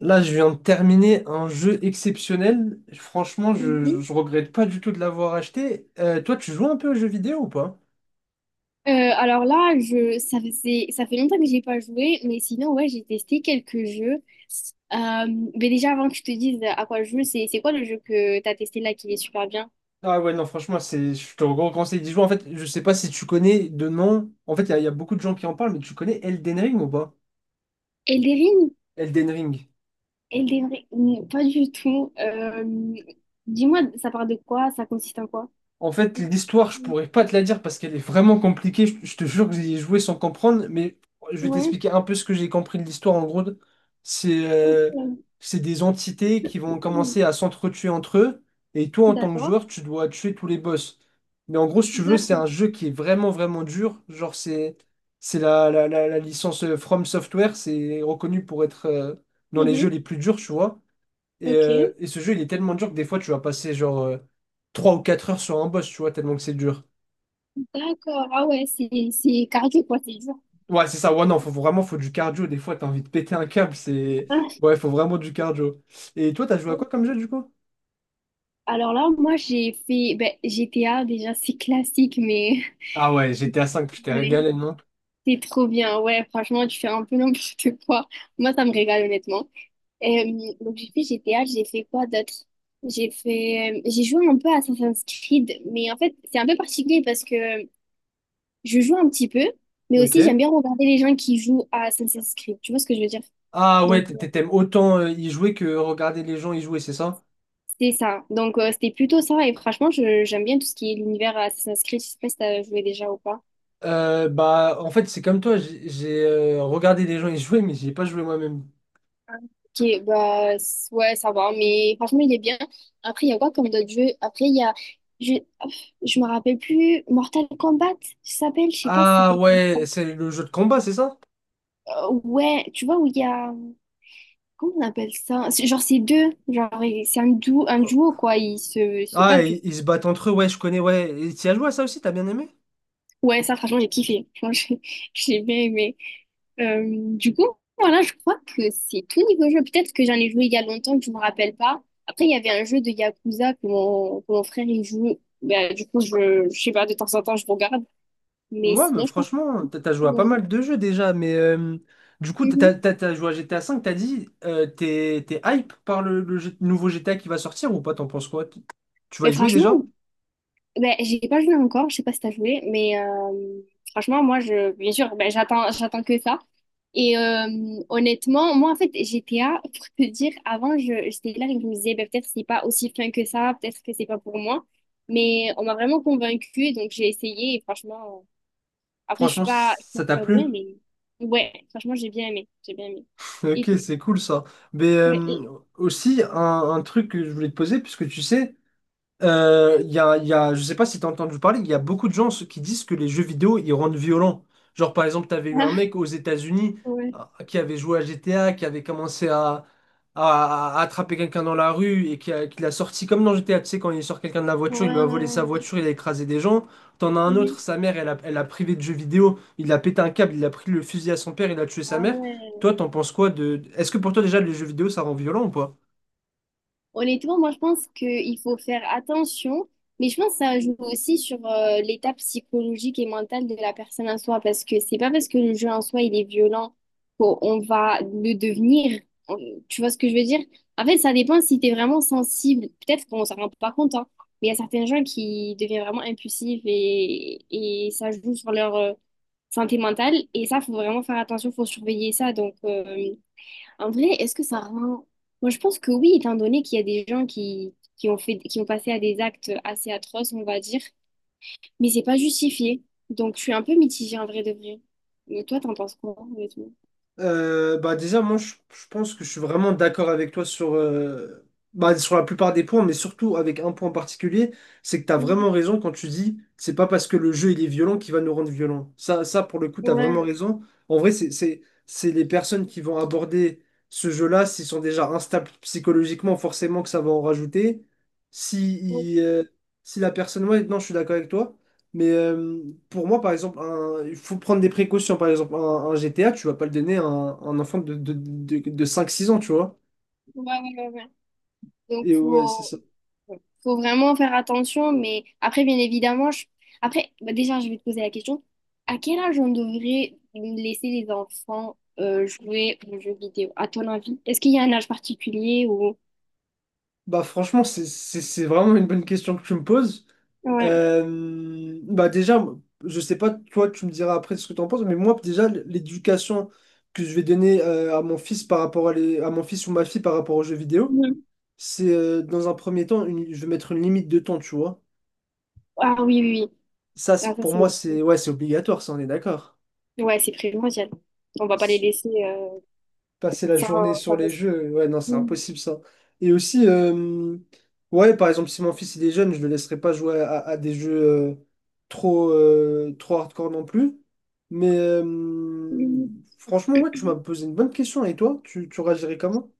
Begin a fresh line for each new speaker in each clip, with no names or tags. Là, je viens de terminer un jeu exceptionnel. Franchement, je,
Mhm.
je regrette pas du tout de l'avoir acheté. Toi, tu joues un peu aux jeux vidéo ou pas?
Alors là, ça fait longtemps que j'ai pas joué, mais sinon, ouais, j'ai testé quelques jeux. Euh, mais déjà, avant que je te dise à quoi je joue, c'est quoi le jeu que t'as testé là qui est super bien?
Ah ouais, non, franchement, je te conseil d'y jouer. En fait, je sais pas si tu connais de nom. En fait, il y a beaucoup de gens qui en parlent, mais tu connais Elden Ring ou pas?
Elden Ring?
Elden Ring.
Elden Ring? Non, pas du tout. Dis-moi, ça parle de quoi? Ça consiste en quoi?
En fait, l'histoire, je pourrais pas te la dire parce qu'elle est vraiment compliquée. Je te jure que j'ai joué sans comprendre, mais je vais
Ouais,
t'expliquer un peu ce que j'ai compris de l'histoire. En gros, c'est euh,
ok.
c'est des entités qui vont commencer à s'entretuer entre eux, et toi, en tant que
D'accord.
joueur, tu dois tuer tous les boss. Mais en gros, si tu veux, c'est
D'accord.
un jeu qui est vraiment, vraiment dur. Genre, c'est la licence From Software, c'est reconnu pour être dans les jeux
Mhm.
les plus durs, tu vois. Et, euh,
Ok.
et ce jeu, il est tellement dur que des fois, tu vas passer genre 3 ou 4 heures sur un boss, tu vois, tellement que c'est dur.
D'accord. Ah ouais, c'est carré, quoi, c'est dur.
Ouais, c'est ça. Ouais, non, faut vraiment faut du cardio. Des fois, t'as envie de péter un câble. C'est. Ouais, faut vraiment du cardio. Et toi, t'as joué à quoi comme jeu, du coup?
Alors là, moi, j'ai fait ben, GTA, déjà, c'est classique, mais
Ah ouais, GTA 5, je t'ai
ouais,
régalé, non?
c'est trop bien. Ouais, franchement, tu fais un peu n'importe quoi. Moi, ça me régale, honnêtement. Donc, j'ai fait GTA, j'ai fait quoi d'autre? J'ai joué un peu à Assassin's Creed, mais en fait, c'est un peu particulier parce que je joue un petit peu, mais
Ok.
aussi, j'aime bien regarder les gens qui jouent à Assassin's Creed. Tu vois ce que je veux dire?
Ah ouais,
Donc,
t'aimes autant y jouer que regarder les gens y jouer, c'est ça?
c'est ça. Donc, c'était plutôt ça, et franchement, j'aime bien tout ce qui est l'univers Assassin's Creed. Je sais pas si t'as joué déjà ou pas.
Bah, en fait, c'est comme toi, j'ai regardé les gens y jouer, mais j'y ai pas joué moi-même.
Ok, bah ouais, ça va, mais franchement, il est bien. Après, il y a quoi comme d'autres jeux? Après, il y a. Je, je me rappelle plus. Mortal Kombat, ça s'appelle? Je sais pas si ça
Ah
s'appelle, comment.
ouais, c'est le jeu de combat, c'est ça?
Ouais, tu vois, où il y a. Comment on appelle ça? Genre, c'est deux. Genre, et c'est un duo, quoi. Ils se
Ah,
battent, du
ils se battent entre eux, ouais, je connais, ouais. Et t'y as joué à ça aussi, t'as bien aimé?
Ouais, ça, franchement, j'ai kiffé. Franchement, j'ai j'ai bien aimé. Du coup, voilà, je crois que c'est tout niveau jeu. Peut-être que j'en ai joué il y a longtemps, que je me rappelle pas. Après, il y avait un jeu de Yakuza que mon frère, il joue. Bah, du coup, je sais pas, de temps en temps, je regarde. Mais
Ouais, mais
sinon, je pense que...
franchement, t'as joué à pas
Mhm.
mal de jeux déjà, mais du coup, t'as
Mhm.
t'as- t'as joué à GTA 5, t'as dit, t'es hype par le nouveau GTA qui va sortir ou pas, t'en penses quoi? Tu vas
Mais
y jouer déjà?
franchement, ben, j'ai pas joué encore, je sais pas si t'as joué, mais franchement, moi, bien sûr, ben, j'attends que ça. Et honnêtement, moi, en fait, GTA, pour te dire, avant, j'étais là et je me disais, ben, peut-être c'est pas aussi fin que ça, peut-être que c'est pas pour moi. Mais on m'a vraiment convaincue, donc j'ai essayé, et franchement, après, je suis
Franchement,
pas, je
ça
suis
t'a
pas douée,
plu?
mais ouais, franchement, j'ai bien aimé, j'ai bien aimé. Et,
Ok, c'est cool ça. Mais
ouais,
aussi, un truc que je voulais te poser, puisque tu sais, il y a, je sais pas si t'as entendu parler, il y a beaucoup de gens qui disent que les jeux vidéo, ils rendent violents. Genre, par exemple, t'avais eu un mec aux États-Unis
ouais,
euh, qui avait joué à GTA, qui avait commencé à attraper quelqu'un dans la rue et qui l'a sorti comme dans GTA, tu sais, quand il sort quelqu'un de la voiture, il lui
ouais,
a
ouais.
volé sa
Ouais.
voiture, il a écrasé des gens. T'en as un autre,
Mhm.
sa mère, elle a privé de jeux vidéo, il a pété un câble, il a pris le fusil à son père, il a tué sa
Ah
mère.
ouais.
Toi, t'en penses quoi de... Est-ce que pour toi, déjà, les jeux vidéo, ça rend violent ou pas?
Honnêtement, moi, je pense qu'il faut faire attention, mais je pense que ça joue aussi sur l'état psychologique et mental de la personne en soi, parce que c'est pas parce que le jeu en soi, il est violent qu'on va le devenir. On- Tu vois ce que je veux dire? En fait, ça dépend si tu es vraiment sensible. Peut-être qu'on s'en rend pas compte, hein, mais il y a certains gens qui deviennent vraiment impulsifs et, ça joue sur leur santé mentale, et ça, faut vraiment faire attention, faut surveiller ça, donc... en vrai, est-ce que ça rend... Moi, je pense que oui, étant donné qu'il y a des gens qui ont passé à des actes assez atroces, on va dire, mais c'est pas justifié. Donc, je suis un peu mitigée en vrai de vrai. Mais toi, t'en penses quoi, honnêtement?
Bah déjà, moi, je pense que je suis vraiment d'accord avec toi bah, sur la plupart des points, mais surtout avec un point en particulier, c'est que tu as
Mhm.
vraiment raison quand tu dis, c'est pas parce que le jeu il est violent qu'il va nous rendre violents. Ça pour le coup, tu as vraiment
Ouais,
raison. En vrai, c'est les personnes qui vont aborder ce jeu-là, s'ils sont déjà instables psychologiquement, forcément que ça va en rajouter.
ouais,
Si, il, euh, si la personne, ouais, non, je suis d'accord avec toi. Mais pour moi, par exemple, il faut prendre des précautions. Par exemple, un GTA, tu vas pas le donner à un enfant de 5-6 ans, tu vois.
ouais, ouais, ouais. Donc,
Et ouais, c'est ça.
faut vraiment faire attention, mais après, bien évidemment, je... après, bah, déjà, je vais te poser la question, à quel âge on devrait laisser les enfants jouer aux jeux vidéo, à ton avis? Est-ce qu'il y a un âge particulier ou...
Bah franchement, c'est vraiment une bonne question que tu me poses.
Ouais.
Bah déjà, je sais pas, toi, tu me diras après ce que tu en penses, mais moi, déjà, l'éducation que je vais donner à mon fils par rapport à mon fils ou ma fille par rapport aux jeux vidéo,
Mhm.
c'est dans un premier temps, je vais mettre une limite de temps, tu vois.
Ah oui, oui, oui.
Ça,
Ah, ça,
pour
c'est...
moi, c'est ouais, c'est obligatoire, ça, on est d'accord.
Ouais, c'est primordial. On va pas les
s-
laisser
passer la
ça
journée sur
sans
les
reste-
jeux, ouais, non, c'est
Mhm.
impossible ça. Et aussi, ouais, par exemple, si mon fils il est jeune, je le laisserai pas jouer à des jeux euh, trop hardcore non plus. Mais
Mhm.
franchement, ouais, tu m'as posé une bonne question. Et toi, tu réagirais comment?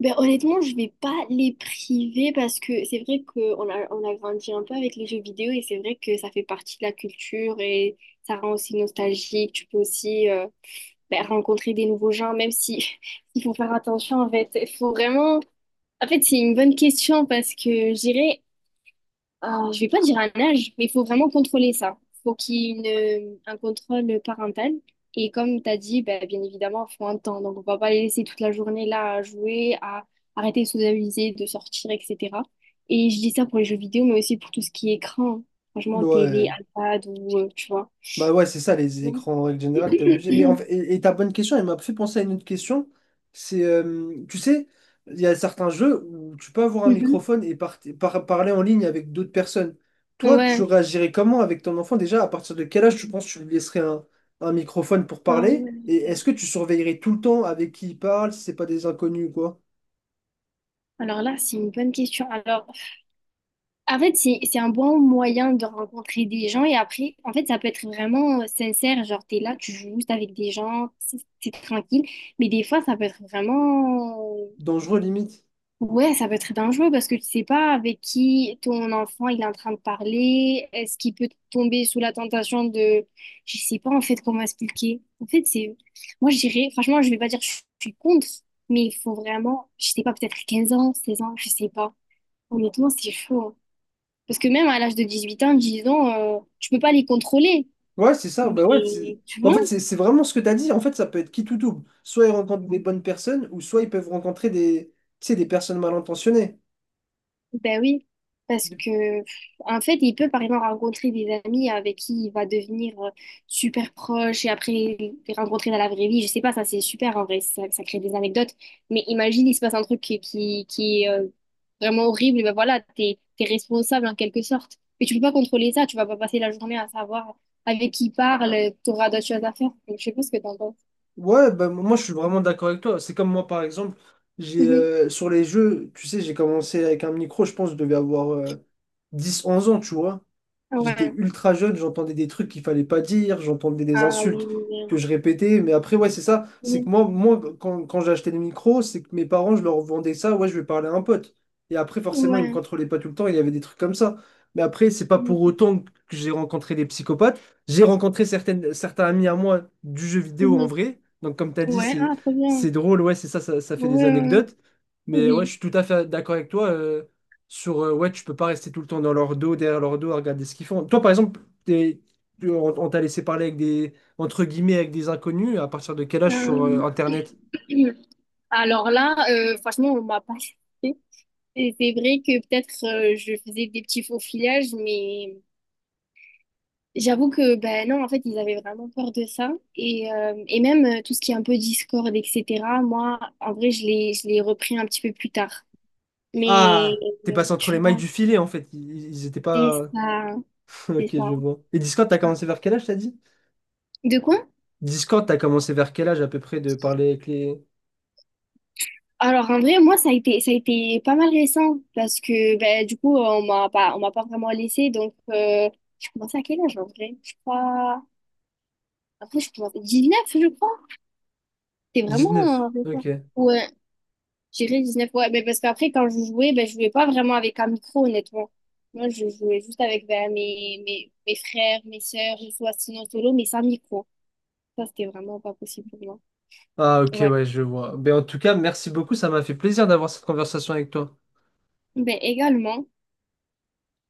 Ben, honnêtement, je vais pas les priver parce que c'est vrai qu'on a grandi un peu avec les jeux vidéo et c'est vrai que ça fait partie de la culture et ça rend aussi nostalgique. Tu peux aussi ben, rencontrer des nouveaux gens, même si il faut faire attention en fait. Il faut vraiment... En fait, c'est une bonne question parce que je dirais. Je vais pas dire un âge, mais il faut vraiment contrôler ça. Il faut qu'il y ait un contrôle parental. Et comme tu as dit, ben, bien évidemment, il faut un temps. Donc, on va pas les laisser toute la journée là à jouer, à arrêter de socialiser, de sortir, etc. Et je dis ça pour les jeux vidéo, mais aussi pour tout ce qui est écran. Franchement, télé,
Ouais.
iPad ou, tu vois.
Bah ouais, c'est ça, les écrans en règle générale, t'es obligé. Mais en fait- et, et ta bonne question, elle m'a fait penser à une autre question. Tu sais, il y a certains jeux où tu peux avoir un
Mhm.
microphone et parler en ligne avec d'autres personnes. Toi, tu
Ouais.
réagirais comment avec ton enfant déjà? À partir de quel âge tu penses que tu lui laisserais un microphone pour
Ah
parler?
ouais.
Et est-ce que tu surveillerais tout le temps avec qui il parle, si c'est pas des inconnus ou quoi?
Alors là, c'est une bonne question. Alors, en fait, c'est un bon moyen de rencontrer des gens et après, en fait, ça peut être vraiment sincère. Genre, t'es là, tu joues juste avec des gens, c'est tranquille. Mais des fois, ça peut être vraiment...
Dangereux limite.
Ouais, ça peut être dangereux parce que tu sais pas avec qui ton enfant il est en train de parler. Est-ce qu'il peut tomber sous la tentation de... Je sais pas en fait comment expliquer. En fait, c'est... Moi, je dirais... Franchement, je vais pas dire que je suis contre, mais il faut vraiment... Je sais pas, peut-être 15 ans, 16 ans, je sais pas. Honnêtement, c'est chaud, hein. Parce que même à l'âge de 18 ans, 10 ans, tu peux pas les contrôler.
Ouais, c'est ça. Bah ouais,
Mais tu
en
vois,
fait, c'est vraiment ce que tu as dit. En fait, ça peut être qui tout double. Soit ils rencontrent des bonnes personnes, ou soit ils peuvent rencontrer des, tu sais, des personnes mal intentionnées.
ben oui. Parce que, pff, en fait, il peut par exemple rencontrer des amis avec qui il va devenir super proche et après les rencontrer dans la vraie vie. Je sais pas, ça c'est super en vrai, ça crée des anecdotes. Mais imagine, il se passe un truc qui est vraiment horrible, et ben voilà, t'es responsable en quelque sorte. Mais tu peux pas contrôler ça, tu vas pas passer la journée à savoir avec qui il parle, t'auras d'autres choses à faire. Donc, je sais pas ce que t'en penses.
Ouais, bah, moi, je suis vraiment d'accord avec toi. C'est comme moi, par exemple, j'ai
Mhm.
sur les jeux, tu sais, j'ai commencé avec un micro, je pense, je devais avoir 10-11 ans, tu vois. J'étais
Ouais.
ultra jeune, j'entendais des trucs qu'il fallait pas dire, j'entendais des
Ah oui,
insultes
oui,
que je répétais. Mais après, ouais, c'est ça. C'est
oui.
que moi quand j'ai acheté le micro, c'est que mes parents, je leur vendais ça. Ouais, je vais parler à un pote. Et après,
Oui,
forcément, ils me
ouais.
contrôlaient pas tout le temps. Il y avait des trucs comme ça. Mais après, c'est pas
Oui,
pour autant que j'ai rencontré des psychopathes. J'ai rencontré certaines, certains amis à moi du jeu vidéo en
mhm.
vrai. Donc, comme tu as dit,
Ouais,
c'est,
ah, trop bien.
c'est drôle. Ouais, c'est ça, ça fait des
Ouais, ouais, ouais.
anecdotes. Mais ouais, je
Oui.
suis tout à fait d'accord avec toi. Sur ouais, tu peux pas rester tout le temps dans leur dos, derrière leur dos, à regarder ce qu'ils font. Toi, par exemple, t'es- on t'a laissé parler avec des, entre guillemets, avec des inconnus, à partir de quel âge sur
Euh,
Internet?
alors là, franchement, on m'a pas fait. Et c'est vrai que peut-être je faisais des petits faux filages, mais j'avoue que, ben non, en fait, ils avaient vraiment peur de ça. Et même tout ce qui est un peu Discord, etc., moi, en vrai, je l'ai repris un petit peu plus tard. Mais
Ah, t'es passé entre les
tu
mailles
vois,
du filet, en fait. Ils étaient
c'est
pas.
ça, c'est
Ok,
ça.
je vois. Et Discord, t'as
Tu vois.
commencé vers quel âge, t'as dit?
De quoi?
Discord, t'as commencé vers quel âge à peu près de parler avec les
Alors en vrai, moi ça a été pas mal récent parce que ben du coup on m'a pas vraiment laissé donc j'ai commencé à quel âge en vrai? Je crois après je commence neuf je crois. C'est vraiment
19. Ok.
récent. Ouais, j'irais 19 ouais mais parce qu'après quand je jouais ben je jouais pas vraiment avec un micro honnêtement. Moi je jouais juste avec ben, mes frères, mes sœurs, je jouais sinon solo mais sans micro. Ça c'était vraiment pas possible pour moi.
Ah ok,
Ouais.
ouais, je vois. Mais en tout cas, merci beaucoup, ça m'a fait plaisir d'avoir cette conversation avec toi.
Ben également